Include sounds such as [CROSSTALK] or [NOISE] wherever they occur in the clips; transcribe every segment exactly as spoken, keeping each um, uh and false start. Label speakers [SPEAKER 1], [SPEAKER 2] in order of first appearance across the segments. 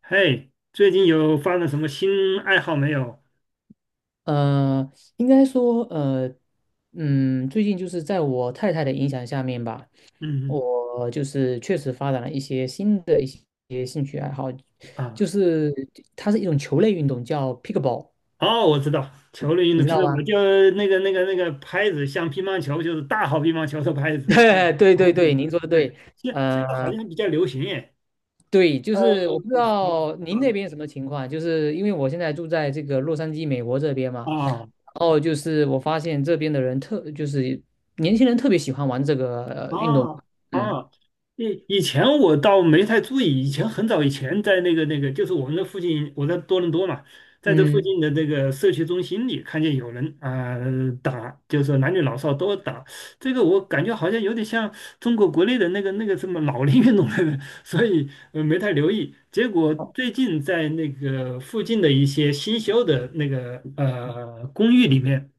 [SPEAKER 1] 嘿，最近有发展什么新爱好没有？
[SPEAKER 2] 呃，应该说，呃，嗯，最近就是在我太太的影响下面吧，
[SPEAKER 1] 嗯
[SPEAKER 2] 我就是确实发展了一些新的一些兴趣爱好，
[SPEAKER 1] 啊，
[SPEAKER 2] 就是它是一种球类运动，叫 pickleball，
[SPEAKER 1] 哦，我知道，球类运
[SPEAKER 2] 你
[SPEAKER 1] 动
[SPEAKER 2] 知
[SPEAKER 1] 匹
[SPEAKER 2] 道
[SPEAKER 1] 克堡
[SPEAKER 2] 吗？
[SPEAKER 1] 就那个那个那个拍子，像乒乓球就是大号乒乓球的拍
[SPEAKER 2] [LAUGHS]
[SPEAKER 1] 子。
[SPEAKER 2] 对
[SPEAKER 1] 哦，
[SPEAKER 2] 对对，您说的
[SPEAKER 1] 对，
[SPEAKER 2] 对。
[SPEAKER 1] 现现在好
[SPEAKER 2] 呃，
[SPEAKER 1] 像比较流行耶。
[SPEAKER 2] 对，就
[SPEAKER 1] 呃，
[SPEAKER 2] 是我不知
[SPEAKER 1] 好，
[SPEAKER 2] 道您那边什么情况，就是因为我现在住在这个洛杉矶，美国这边嘛。
[SPEAKER 1] 啊
[SPEAKER 2] 哦，就是我发现这边的人特，就是年轻人特别喜欢玩这个呃运动，
[SPEAKER 1] 啊
[SPEAKER 2] 嗯。
[SPEAKER 1] 啊，以以前我倒没太注意，以前很早以前在那个那个，就是我们的附近，我在多伦多嘛，在这附
[SPEAKER 2] 嗯
[SPEAKER 1] 近的那个社区中心里看见有人啊、打，就是说男女老少都打，这个我感觉好像有点像中国国内的那个那个什么老龄运动的，[LAUGHS] 所以呃没太留意。结果最近在那个附近的一些新修的那个呃公寓里面。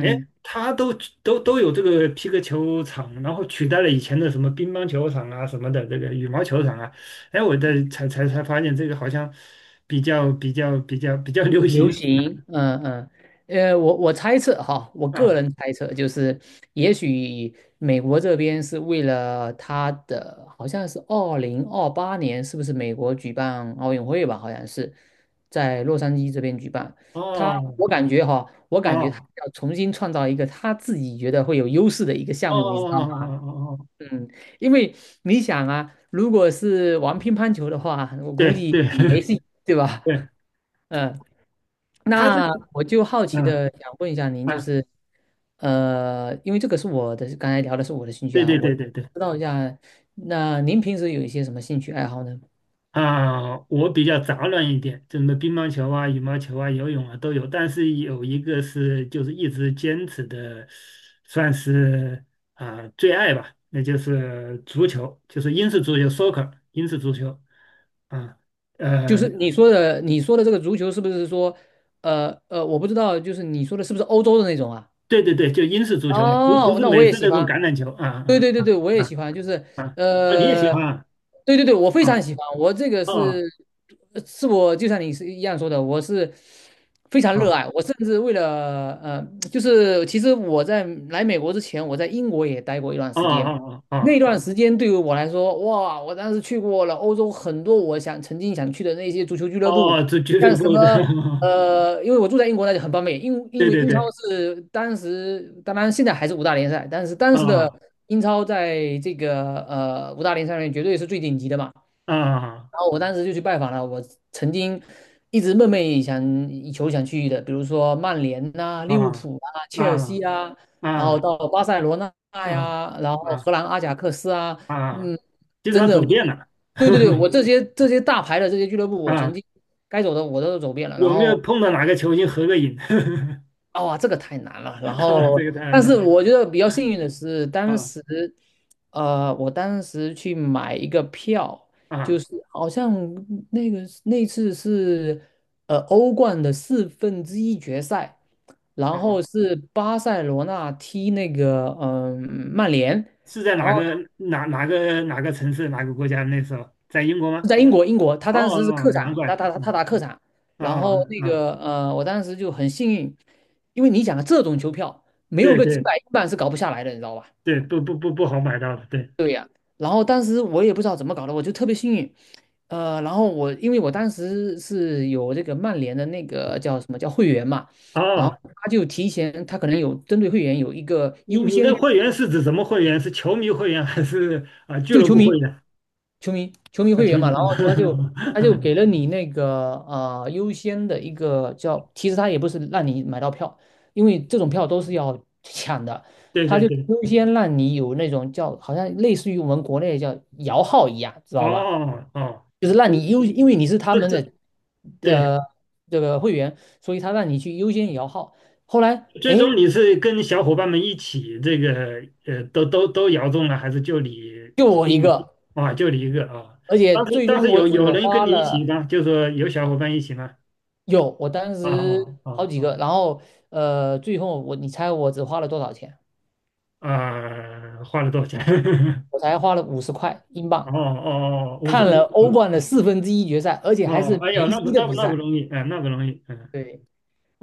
[SPEAKER 1] 哎，他都都都有这个皮克球场，然后取代了以前的什么乒乓球场啊什么的，这个羽毛球场啊。哎，我在才才才发现这个好像比较比较比较比较流
[SPEAKER 2] 流
[SPEAKER 1] 行
[SPEAKER 2] 行，嗯嗯。呃，我我猜测哈，我个
[SPEAKER 1] 啊。
[SPEAKER 2] 人猜测就是，也许美国这边是为了他的，好像是二零二八年，是不是美国举办奥运会吧？好像是在洛杉矶这边举办。他，
[SPEAKER 1] 哦
[SPEAKER 2] 我感觉哈，我
[SPEAKER 1] 哦
[SPEAKER 2] 感觉他
[SPEAKER 1] 哦
[SPEAKER 2] 要重新创造一个他自己觉得会有优势的一个项
[SPEAKER 1] 哦
[SPEAKER 2] 目，你知道
[SPEAKER 1] 哦哦
[SPEAKER 2] 吗？
[SPEAKER 1] 哦，哦，
[SPEAKER 2] 嗯，因为你想啊，如果是玩乒乓球的话，我
[SPEAKER 1] 对
[SPEAKER 2] 估计
[SPEAKER 1] 对 [LAUGHS]
[SPEAKER 2] 你没戏，对吧？
[SPEAKER 1] 对，
[SPEAKER 2] [LAUGHS] 嗯，
[SPEAKER 1] 他这个
[SPEAKER 2] 那我就好奇
[SPEAKER 1] 嗯
[SPEAKER 2] 的想问一下您，就
[SPEAKER 1] 啊，
[SPEAKER 2] 是，呃，因为这个是我的，刚才聊的是我的兴趣
[SPEAKER 1] 对
[SPEAKER 2] 啊，
[SPEAKER 1] 对
[SPEAKER 2] 我
[SPEAKER 1] 对对对。
[SPEAKER 2] 知道一下。那您平时有一些什么兴趣爱好呢？
[SPEAKER 1] 啊，我比较杂乱一点，什么乒乓球啊、羽毛球啊、游泳啊都有，但是有一个是就是一直坚持的，算是啊、最爱吧，那就是足球，就是英式足球（ （soccer），英式足球啊，
[SPEAKER 2] 就
[SPEAKER 1] 呃，
[SPEAKER 2] 是你说的，你说的这个足球是不是说，呃呃，我不知道，就是你说的是不是欧洲的那种啊？
[SPEAKER 1] 对对对，就英式足球嘛，不不
[SPEAKER 2] 哦，
[SPEAKER 1] 是
[SPEAKER 2] 那我
[SPEAKER 1] 美
[SPEAKER 2] 也
[SPEAKER 1] 式
[SPEAKER 2] 喜
[SPEAKER 1] 那种
[SPEAKER 2] 欢，
[SPEAKER 1] 橄榄球啊
[SPEAKER 2] 对
[SPEAKER 1] 啊
[SPEAKER 2] 对对
[SPEAKER 1] 啊
[SPEAKER 2] 对，我也
[SPEAKER 1] 啊啊，
[SPEAKER 2] 喜欢，就是
[SPEAKER 1] 啊啊啊你也喜
[SPEAKER 2] 呃，
[SPEAKER 1] 欢啊
[SPEAKER 2] 对对对，我非
[SPEAKER 1] 啊
[SPEAKER 2] 常喜欢。我这个是
[SPEAKER 1] 啊
[SPEAKER 2] 呃是我就像你是一样说的，我是非常热
[SPEAKER 1] 啊
[SPEAKER 2] 爱。我甚至为了呃，就是其实我在来美国之前，我在英国也待过一段
[SPEAKER 1] 啊
[SPEAKER 2] 时间。
[SPEAKER 1] 啊哦
[SPEAKER 2] 那段时间对于我来说，哇，我当时去过了欧洲很多我想曾经想去的那些足球俱乐
[SPEAKER 1] 哦，
[SPEAKER 2] 部，
[SPEAKER 1] 哦，足俱
[SPEAKER 2] 像
[SPEAKER 1] 乐
[SPEAKER 2] 什
[SPEAKER 1] 部的，
[SPEAKER 2] 么
[SPEAKER 1] [LAUGHS]
[SPEAKER 2] 呃，因为我住在英国，那就很方便。英因
[SPEAKER 1] 对
[SPEAKER 2] 为
[SPEAKER 1] 对
[SPEAKER 2] 英超
[SPEAKER 1] 对
[SPEAKER 2] 是当时，当然现在还是五大联赛，但是当时的
[SPEAKER 1] 啊
[SPEAKER 2] 英超在这个呃五大联赛里面绝对是最顶级的嘛。
[SPEAKER 1] 啊。
[SPEAKER 2] 然后我当时就去拜访了我曾经一直梦寐以想以求想去的，比如说曼联呐、利物
[SPEAKER 1] 啊
[SPEAKER 2] 浦啊、切尔
[SPEAKER 1] 啊
[SPEAKER 2] 西啊，然后
[SPEAKER 1] 啊
[SPEAKER 2] 到巴塞罗那
[SPEAKER 1] 啊啊
[SPEAKER 2] 呀，然后荷兰阿贾克斯啊。
[SPEAKER 1] 啊，
[SPEAKER 2] 嗯，
[SPEAKER 1] 基本
[SPEAKER 2] 真
[SPEAKER 1] 上
[SPEAKER 2] 的。
[SPEAKER 1] 走遍了。
[SPEAKER 2] 对对对，我
[SPEAKER 1] [LAUGHS]
[SPEAKER 2] 这些这些大牌的这些俱乐部，我曾
[SPEAKER 1] 啊，
[SPEAKER 2] 经该走的我都走遍了，然
[SPEAKER 1] 有没有
[SPEAKER 2] 后。
[SPEAKER 1] 碰到哪个球星合个影？
[SPEAKER 2] 哦，这个太难了。
[SPEAKER 1] [LAUGHS]
[SPEAKER 2] 然
[SPEAKER 1] 啊，
[SPEAKER 2] 后，
[SPEAKER 1] 这个当然
[SPEAKER 2] 但
[SPEAKER 1] 了。
[SPEAKER 2] 是我觉得比较幸运的是，当
[SPEAKER 1] 啊
[SPEAKER 2] 时，呃，我当时去买一个票，就
[SPEAKER 1] 啊，
[SPEAKER 2] 是好像那个那次是呃欧冠的四分之一决赛，然后
[SPEAKER 1] 好，
[SPEAKER 2] 是巴塞罗那踢那个嗯、曼联，
[SPEAKER 1] 是在
[SPEAKER 2] 然
[SPEAKER 1] 哪
[SPEAKER 2] 后。
[SPEAKER 1] 个哪哪个哪个城市哪个国家？那时候在英国吗？
[SPEAKER 2] 在英国，英国，他
[SPEAKER 1] 哦
[SPEAKER 2] 当时是客
[SPEAKER 1] 哦，难
[SPEAKER 2] 场，
[SPEAKER 1] 怪。
[SPEAKER 2] 他他他
[SPEAKER 1] 哦
[SPEAKER 2] 打客场。然后
[SPEAKER 1] 哦
[SPEAKER 2] 那
[SPEAKER 1] 啊，
[SPEAKER 2] 个呃，我当时就很幸运。因为你想啊，这种球票没有
[SPEAKER 1] 对
[SPEAKER 2] 个几
[SPEAKER 1] 对
[SPEAKER 2] 百万是搞不下来的，你知道吧？
[SPEAKER 1] 对，不不不不好买到的。对，
[SPEAKER 2] 然后当时我也不知道怎么搞的，我就特别幸运。呃，然后我因为我当时是有这个曼联的那个叫什么叫会员嘛，然后
[SPEAKER 1] 哦，
[SPEAKER 2] 他就提前，他可能有针对会员有一个
[SPEAKER 1] 你
[SPEAKER 2] 优
[SPEAKER 1] 你
[SPEAKER 2] 先
[SPEAKER 1] 的
[SPEAKER 2] 选
[SPEAKER 1] 会员是指什么会员？是球迷会员还是啊俱
[SPEAKER 2] 就
[SPEAKER 1] 乐
[SPEAKER 2] 球
[SPEAKER 1] 部会
[SPEAKER 2] 迷。
[SPEAKER 1] 员？
[SPEAKER 2] 球迷球迷
[SPEAKER 1] 啊，
[SPEAKER 2] 会
[SPEAKER 1] 球
[SPEAKER 2] 员嘛，
[SPEAKER 1] 迷。
[SPEAKER 2] 然后他就他就
[SPEAKER 1] [LAUGHS]
[SPEAKER 2] 给了你那个呃优先的一个叫，其实他也不是让你买到票，因为这种票都是要抢的，
[SPEAKER 1] 对
[SPEAKER 2] 他
[SPEAKER 1] 对
[SPEAKER 2] 就
[SPEAKER 1] 对
[SPEAKER 2] 优先让你有那种叫好像类似于我们国内叫摇号一样，知道吧？
[SPEAKER 1] 哦哦，
[SPEAKER 2] 就是让你优，因为你是他
[SPEAKER 1] 这
[SPEAKER 2] 们
[SPEAKER 1] 这
[SPEAKER 2] 的
[SPEAKER 1] 对，
[SPEAKER 2] 呃这个会员，所以他让你去优先摇号。后来
[SPEAKER 1] 最
[SPEAKER 2] 哎，
[SPEAKER 1] 终你是跟小伙伴们一起这个呃，都都都摇中了，还是就你
[SPEAKER 2] 就
[SPEAKER 1] 幸
[SPEAKER 2] 我一
[SPEAKER 1] 运
[SPEAKER 2] 个。
[SPEAKER 1] 啊？就你一个啊？
[SPEAKER 2] 而且
[SPEAKER 1] 当时
[SPEAKER 2] 最
[SPEAKER 1] 当
[SPEAKER 2] 终
[SPEAKER 1] 时
[SPEAKER 2] 我
[SPEAKER 1] 有有
[SPEAKER 2] 只
[SPEAKER 1] 人跟
[SPEAKER 2] 花
[SPEAKER 1] 你一起
[SPEAKER 2] 了
[SPEAKER 1] 吗？就说有小伙伴一起吗？
[SPEAKER 2] 有，我当
[SPEAKER 1] 啊
[SPEAKER 2] 时
[SPEAKER 1] 啊啊
[SPEAKER 2] 好几个，然后呃，最后我你猜我只花了多少钱？
[SPEAKER 1] 啊！花了多少钱？[LAUGHS]
[SPEAKER 2] 我才花了五十块英
[SPEAKER 1] 哦
[SPEAKER 2] 镑，
[SPEAKER 1] 哦哦，五十
[SPEAKER 2] 看了
[SPEAKER 1] 五
[SPEAKER 2] [LAUGHS] 欧
[SPEAKER 1] 啊！
[SPEAKER 2] 冠的四分之一决赛，而且还是
[SPEAKER 1] 哦，哎
[SPEAKER 2] 梅
[SPEAKER 1] 呀，那不
[SPEAKER 2] 西的
[SPEAKER 1] 那不
[SPEAKER 2] 比
[SPEAKER 1] 那不
[SPEAKER 2] 赛。
[SPEAKER 1] 容易，哎，那不容易，嗯。
[SPEAKER 2] 对。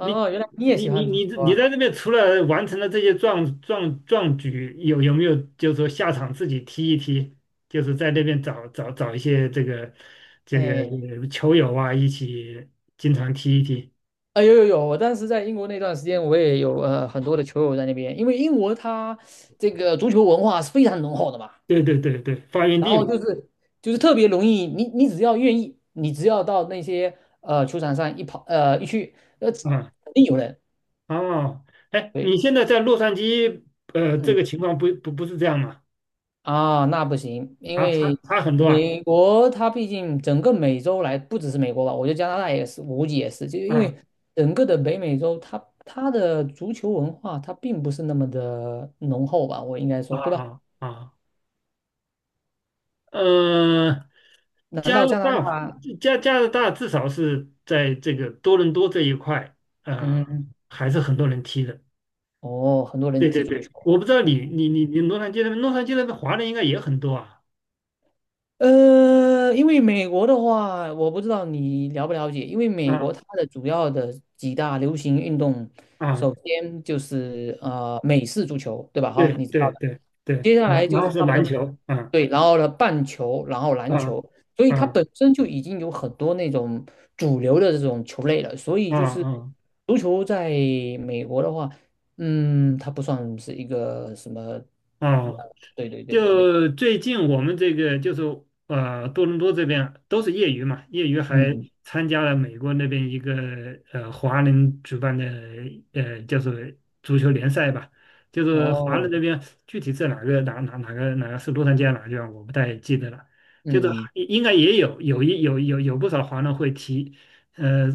[SPEAKER 1] 你
[SPEAKER 2] 原来你也
[SPEAKER 1] 你
[SPEAKER 2] 喜
[SPEAKER 1] 你
[SPEAKER 2] 欢足
[SPEAKER 1] 你
[SPEAKER 2] 球
[SPEAKER 1] 你
[SPEAKER 2] 啊？
[SPEAKER 1] 在这边除了完成了这些壮壮壮举，有有没有就是说下场自己踢一踢，就是在那边找找找一些这个这个
[SPEAKER 2] 哎，
[SPEAKER 1] 呃球友啊，一起经常踢一踢。
[SPEAKER 2] 啊有有有，我当时在英国那段时间，我也有呃很多的球友在那边，因为英国它这个足球文化是非常浓厚的嘛。
[SPEAKER 1] 对对对对，发源
[SPEAKER 2] 然后
[SPEAKER 1] 地
[SPEAKER 2] 就是就是特别容易，你你只要愿意，你只要到那些呃球场上一跑呃一去，呃
[SPEAKER 1] 嘛，
[SPEAKER 2] 肯定有人。
[SPEAKER 1] 啊、哦，哎，
[SPEAKER 2] 对。
[SPEAKER 1] 你现在在洛杉矶，呃，这
[SPEAKER 2] 嗯
[SPEAKER 1] 个情况不不不是这样吗？
[SPEAKER 2] 啊，那不行，因
[SPEAKER 1] 啊，差
[SPEAKER 2] 为
[SPEAKER 1] 差很多啊，
[SPEAKER 2] 美国它毕竟整个美洲来，不只是美国吧，我觉得加拿大也是，我估计也是，就因
[SPEAKER 1] 啊
[SPEAKER 2] 为整个的北美洲它，它的足球文化它并不是那么的浓厚吧，我应该
[SPEAKER 1] 啊
[SPEAKER 2] 说，对吧？
[SPEAKER 1] 啊啊。呃，
[SPEAKER 2] 难
[SPEAKER 1] 加
[SPEAKER 2] 道
[SPEAKER 1] 拿
[SPEAKER 2] 加拿
[SPEAKER 1] 大
[SPEAKER 2] 大？
[SPEAKER 1] 加加拿大至少是在这个多伦多这一块，呃，
[SPEAKER 2] 嗯，
[SPEAKER 1] 还是很多人踢的。
[SPEAKER 2] 哦，很多人
[SPEAKER 1] 对对
[SPEAKER 2] 踢足
[SPEAKER 1] 对，
[SPEAKER 2] 球。
[SPEAKER 1] 我不知道
[SPEAKER 2] 哦
[SPEAKER 1] 你你你你洛杉矶那边，洛杉矶那边华人应该也很多啊。
[SPEAKER 2] 呃，因为美国的话，我不知道你了不了解，因为美
[SPEAKER 1] 啊
[SPEAKER 2] 国它的主要的几大流行运动，
[SPEAKER 1] 啊，
[SPEAKER 2] 首先就是呃美式足球，对吧？哈，
[SPEAKER 1] 对
[SPEAKER 2] 你知道
[SPEAKER 1] 对
[SPEAKER 2] 的。
[SPEAKER 1] 对对，
[SPEAKER 2] 接下
[SPEAKER 1] 篮
[SPEAKER 2] 来
[SPEAKER 1] 然
[SPEAKER 2] 就是
[SPEAKER 1] 后是
[SPEAKER 2] 他们
[SPEAKER 1] 篮
[SPEAKER 2] 的，
[SPEAKER 1] 球，啊
[SPEAKER 2] 对，然后呢棒球，然后篮
[SPEAKER 1] 啊
[SPEAKER 2] 球，所以它
[SPEAKER 1] 啊
[SPEAKER 2] 本身就已经有很多那种主流的这种球类了，所以
[SPEAKER 1] 啊
[SPEAKER 2] 就
[SPEAKER 1] 啊
[SPEAKER 2] 是
[SPEAKER 1] 啊。
[SPEAKER 2] 足球在美国的话，嗯，它不算是一个什么。
[SPEAKER 1] 哦，
[SPEAKER 2] 对对对对对，
[SPEAKER 1] 就最近我们这个就是呃多伦多这边都是业余嘛，业余还
[SPEAKER 2] 嗯，
[SPEAKER 1] 参加了美国那边一个呃华人举办的呃就是足球联赛吧，就是华人那
[SPEAKER 2] 哦。
[SPEAKER 1] 边具体是哪个哪哪哪个哪个是洛杉矶还是哪个地方我不太记得了，就是
[SPEAKER 2] 嗯
[SPEAKER 1] 应该也有有一有有有不少华人会踢，呃，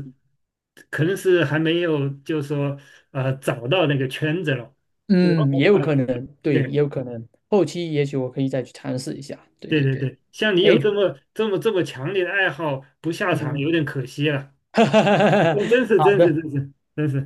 [SPEAKER 1] 可能是还没有就是说呃找到那个圈子了，我
[SPEAKER 2] 嗯，也
[SPEAKER 1] 我
[SPEAKER 2] 有
[SPEAKER 1] 呃
[SPEAKER 2] 可能，对，也
[SPEAKER 1] 对。
[SPEAKER 2] 有可能，后期也许我可以再去尝试一下。对
[SPEAKER 1] 对
[SPEAKER 2] 对
[SPEAKER 1] 对
[SPEAKER 2] 对，
[SPEAKER 1] 对，像你
[SPEAKER 2] 哎，
[SPEAKER 1] 有这么这么这么强烈的爱好，不下场
[SPEAKER 2] 嗯，
[SPEAKER 1] 有点可惜了。[LAUGHS] 真
[SPEAKER 2] [LAUGHS]
[SPEAKER 1] 真是
[SPEAKER 2] 好
[SPEAKER 1] 真是
[SPEAKER 2] 的。
[SPEAKER 1] 真是真是，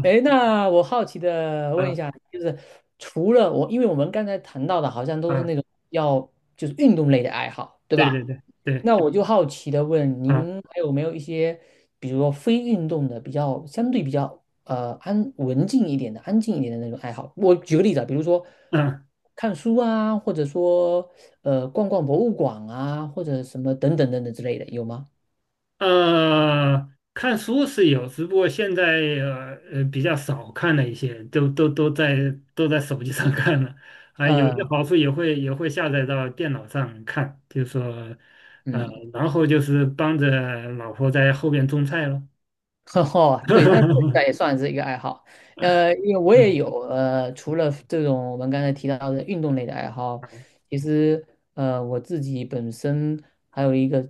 [SPEAKER 1] 啊
[SPEAKER 2] 哎，那我好奇的问一
[SPEAKER 1] 啊
[SPEAKER 2] 下，就是除了我，因为我们刚才谈到的，好像都是
[SPEAKER 1] 啊！
[SPEAKER 2] 那种要就是运动类的爱好，对
[SPEAKER 1] 对对
[SPEAKER 2] 吧？
[SPEAKER 1] 对对
[SPEAKER 2] 那我就好奇的问
[SPEAKER 1] 啊
[SPEAKER 2] 您，还有没有一些，比如说非运动的，比较相对比较呃安文静一点的、安静一点的那种爱好？我举个例子啊，比如说
[SPEAKER 1] 啊
[SPEAKER 2] 看书啊，或者说呃逛逛博物馆啊，或者什么等等等等之类的，有吗？
[SPEAKER 1] 呃，看书是有，只不过现在呃呃比较少看了一些，都都都在都在手机上看了。啊，有些
[SPEAKER 2] 呃
[SPEAKER 1] 好处也会也会下载到电脑上看，就是说
[SPEAKER 2] 嗯
[SPEAKER 1] 呃，
[SPEAKER 2] 嗯。
[SPEAKER 1] 然后就是帮着老婆在后边种菜了。
[SPEAKER 2] [LAUGHS] 哦，对，那这
[SPEAKER 1] [LAUGHS]
[SPEAKER 2] 个也算是一个爱好。呃，因为我也
[SPEAKER 1] 嗯。
[SPEAKER 2] 有呃，除了这种我们刚才提到的运动类的爱好，其实呃，我自己本身还有一个，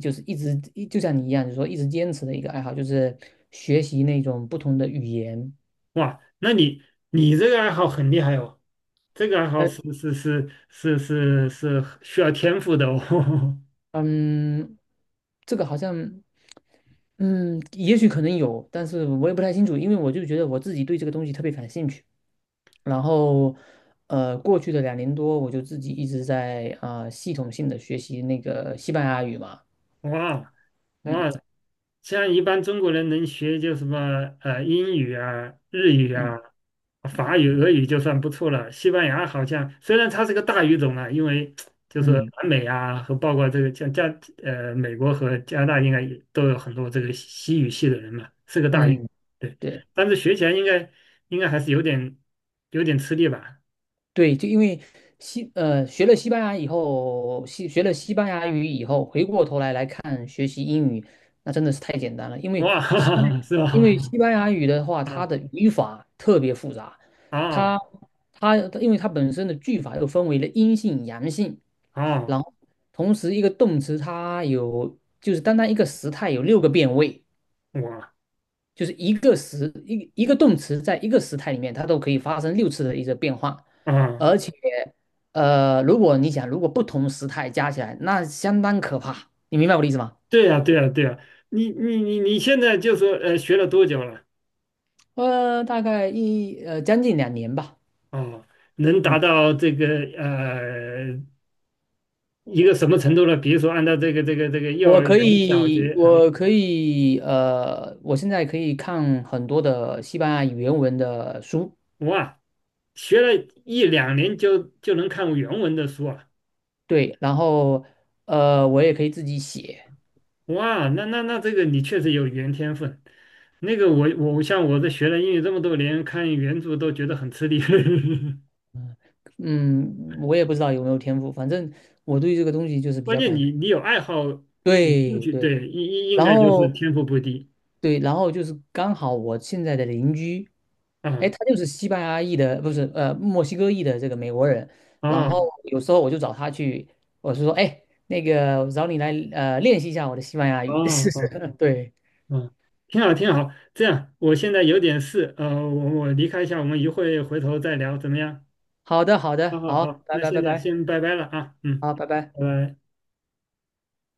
[SPEAKER 2] 就是一直一就像你一样，就是说一直坚持的一个爱好，就是学习那种不同的语言。
[SPEAKER 1] 哇，那你你这个爱好很厉害哦，这个爱好
[SPEAKER 2] 呃，
[SPEAKER 1] 是是是是是是需要天赋的哦。[LAUGHS]
[SPEAKER 2] 嗯，这个好像，嗯，也许可能有，但是我也不太清楚，因为我就觉得我自己对这个东西特别感兴趣。然后，呃，过去的两年多，我就自己一直在啊、呃系统性的学习那个西班牙语嘛。
[SPEAKER 1] 哇哇，
[SPEAKER 2] 嗯
[SPEAKER 1] 像一般中国人能学就什么呃英语啊、日语
[SPEAKER 2] 嗯
[SPEAKER 1] 啊、
[SPEAKER 2] 嗯
[SPEAKER 1] 法语、俄语就算不错了。西班牙好像虽然它是个大语种啊，因为就是
[SPEAKER 2] 嗯
[SPEAKER 1] 南美啊和包括这个像加呃美国和加拿大应该也都有很多这个西语系的人嘛，是个大语，
[SPEAKER 2] 嗯，
[SPEAKER 1] 对。
[SPEAKER 2] 对。
[SPEAKER 1] 但是学起来应该应该还是有点有点吃力吧？
[SPEAKER 2] 对，就因为西呃学了西班牙以后，西学了西班牙语以后，回过头来来看学习英语，那真的是太简单了。因为
[SPEAKER 1] 哇，[LAUGHS] 哈
[SPEAKER 2] 西班
[SPEAKER 1] 哈
[SPEAKER 2] 牙
[SPEAKER 1] 是
[SPEAKER 2] 因为
[SPEAKER 1] 吧？
[SPEAKER 2] 西班牙语的话，
[SPEAKER 1] [LAUGHS]
[SPEAKER 2] 它
[SPEAKER 1] 啊
[SPEAKER 2] 的语法特别复杂。
[SPEAKER 1] 啊
[SPEAKER 2] 它它因为它本身的句法又分为了阴性、阳性，
[SPEAKER 1] 啊
[SPEAKER 2] 然后同时一个动词它有就是单单一个时态有六个变位。
[SPEAKER 1] 哇
[SPEAKER 2] 就是一个时一一个动词在一个时态里面，它都可以发生六次的一个变化。
[SPEAKER 1] 啊！
[SPEAKER 2] 而且呃，如果你想，如果不同时态加起来，那相当可怕，你明白我的意思吗？
[SPEAKER 1] 对呀，对呀，对呀，你你你你现在就说呃学了多久了？
[SPEAKER 2] 呃，大概一呃将近两年吧。
[SPEAKER 1] 哦，能达
[SPEAKER 2] 嗯，
[SPEAKER 1] 到这个呃一个什么程度呢？比如说按照这个这个这个幼
[SPEAKER 2] 我
[SPEAKER 1] 儿
[SPEAKER 2] 可
[SPEAKER 1] 园、小学
[SPEAKER 2] 以，
[SPEAKER 1] 啊，
[SPEAKER 2] 我可以，呃，我现在可以看很多的西班牙语原文的书。
[SPEAKER 1] 哇，学了一两年就就能看原文的书啊，
[SPEAKER 2] 对，然后呃，我也可以自己写。
[SPEAKER 1] 哇，那那那这个你确实有语言天分。那个我我像我这学了英语这么多年，看原著都觉得很吃力。[LAUGHS]
[SPEAKER 2] 嗯，我也不知道有没有天赋，反正我对这个东西就是比
[SPEAKER 1] 关
[SPEAKER 2] 较
[SPEAKER 1] 键
[SPEAKER 2] 感
[SPEAKER 1] 你你有爱好有兴
[SPEAKER 2] 对
[SPEAKER 1] 趣，
[SPEAKER 2] 对，
[SPEAKER 1] 对，应应应
[SPEAKER 2] 然
[SPEAKER 1] 该就是
[SPEAKER 2] 后
[SPEAKER 1] 天赋不低
[SPEAKER 2] 对，然后就是刚好我现在的邻居，哎，
[SPEAKER 1] 啊。
[SPEAKER 2] 他就是西班牙裔的，不是呃墨西哥裔的这个美国人。然后
[SPEAKER 1] 啊。
[SPEAKER 2] 有时候我就找他去，我是说，哎，那个我找你来呃练习一下我的西班牙语。
[SPEAKER 1] 哦哦
[SPEAKER 2] [LAUGHS] 对，
[SPEAKER 1] 哦，挺好挺好。这样，我现在有点事，呃，我我离开一下，我们一会回头再聊，怎么样？
[SPEAKER 2] 好的好
[SPEAKER 1] 好
[SPEAKER 2] 的，
[SPEAKER 1] 好
[SPEAKER 2] 好，
[SPEAKER 1] 好，
[SPEAKER 2] 拜
[SPEAKER 1] 那
[SPEAKER 2] 拜拜
[SPEAKER 1] 现在
[SPEAKER 2] 拜，
[SPEAKER 1] 先拜拜了啊，嗯，
[SPEAKER 2] 好，拜拜。
[SPEAKER 1] 拜拜。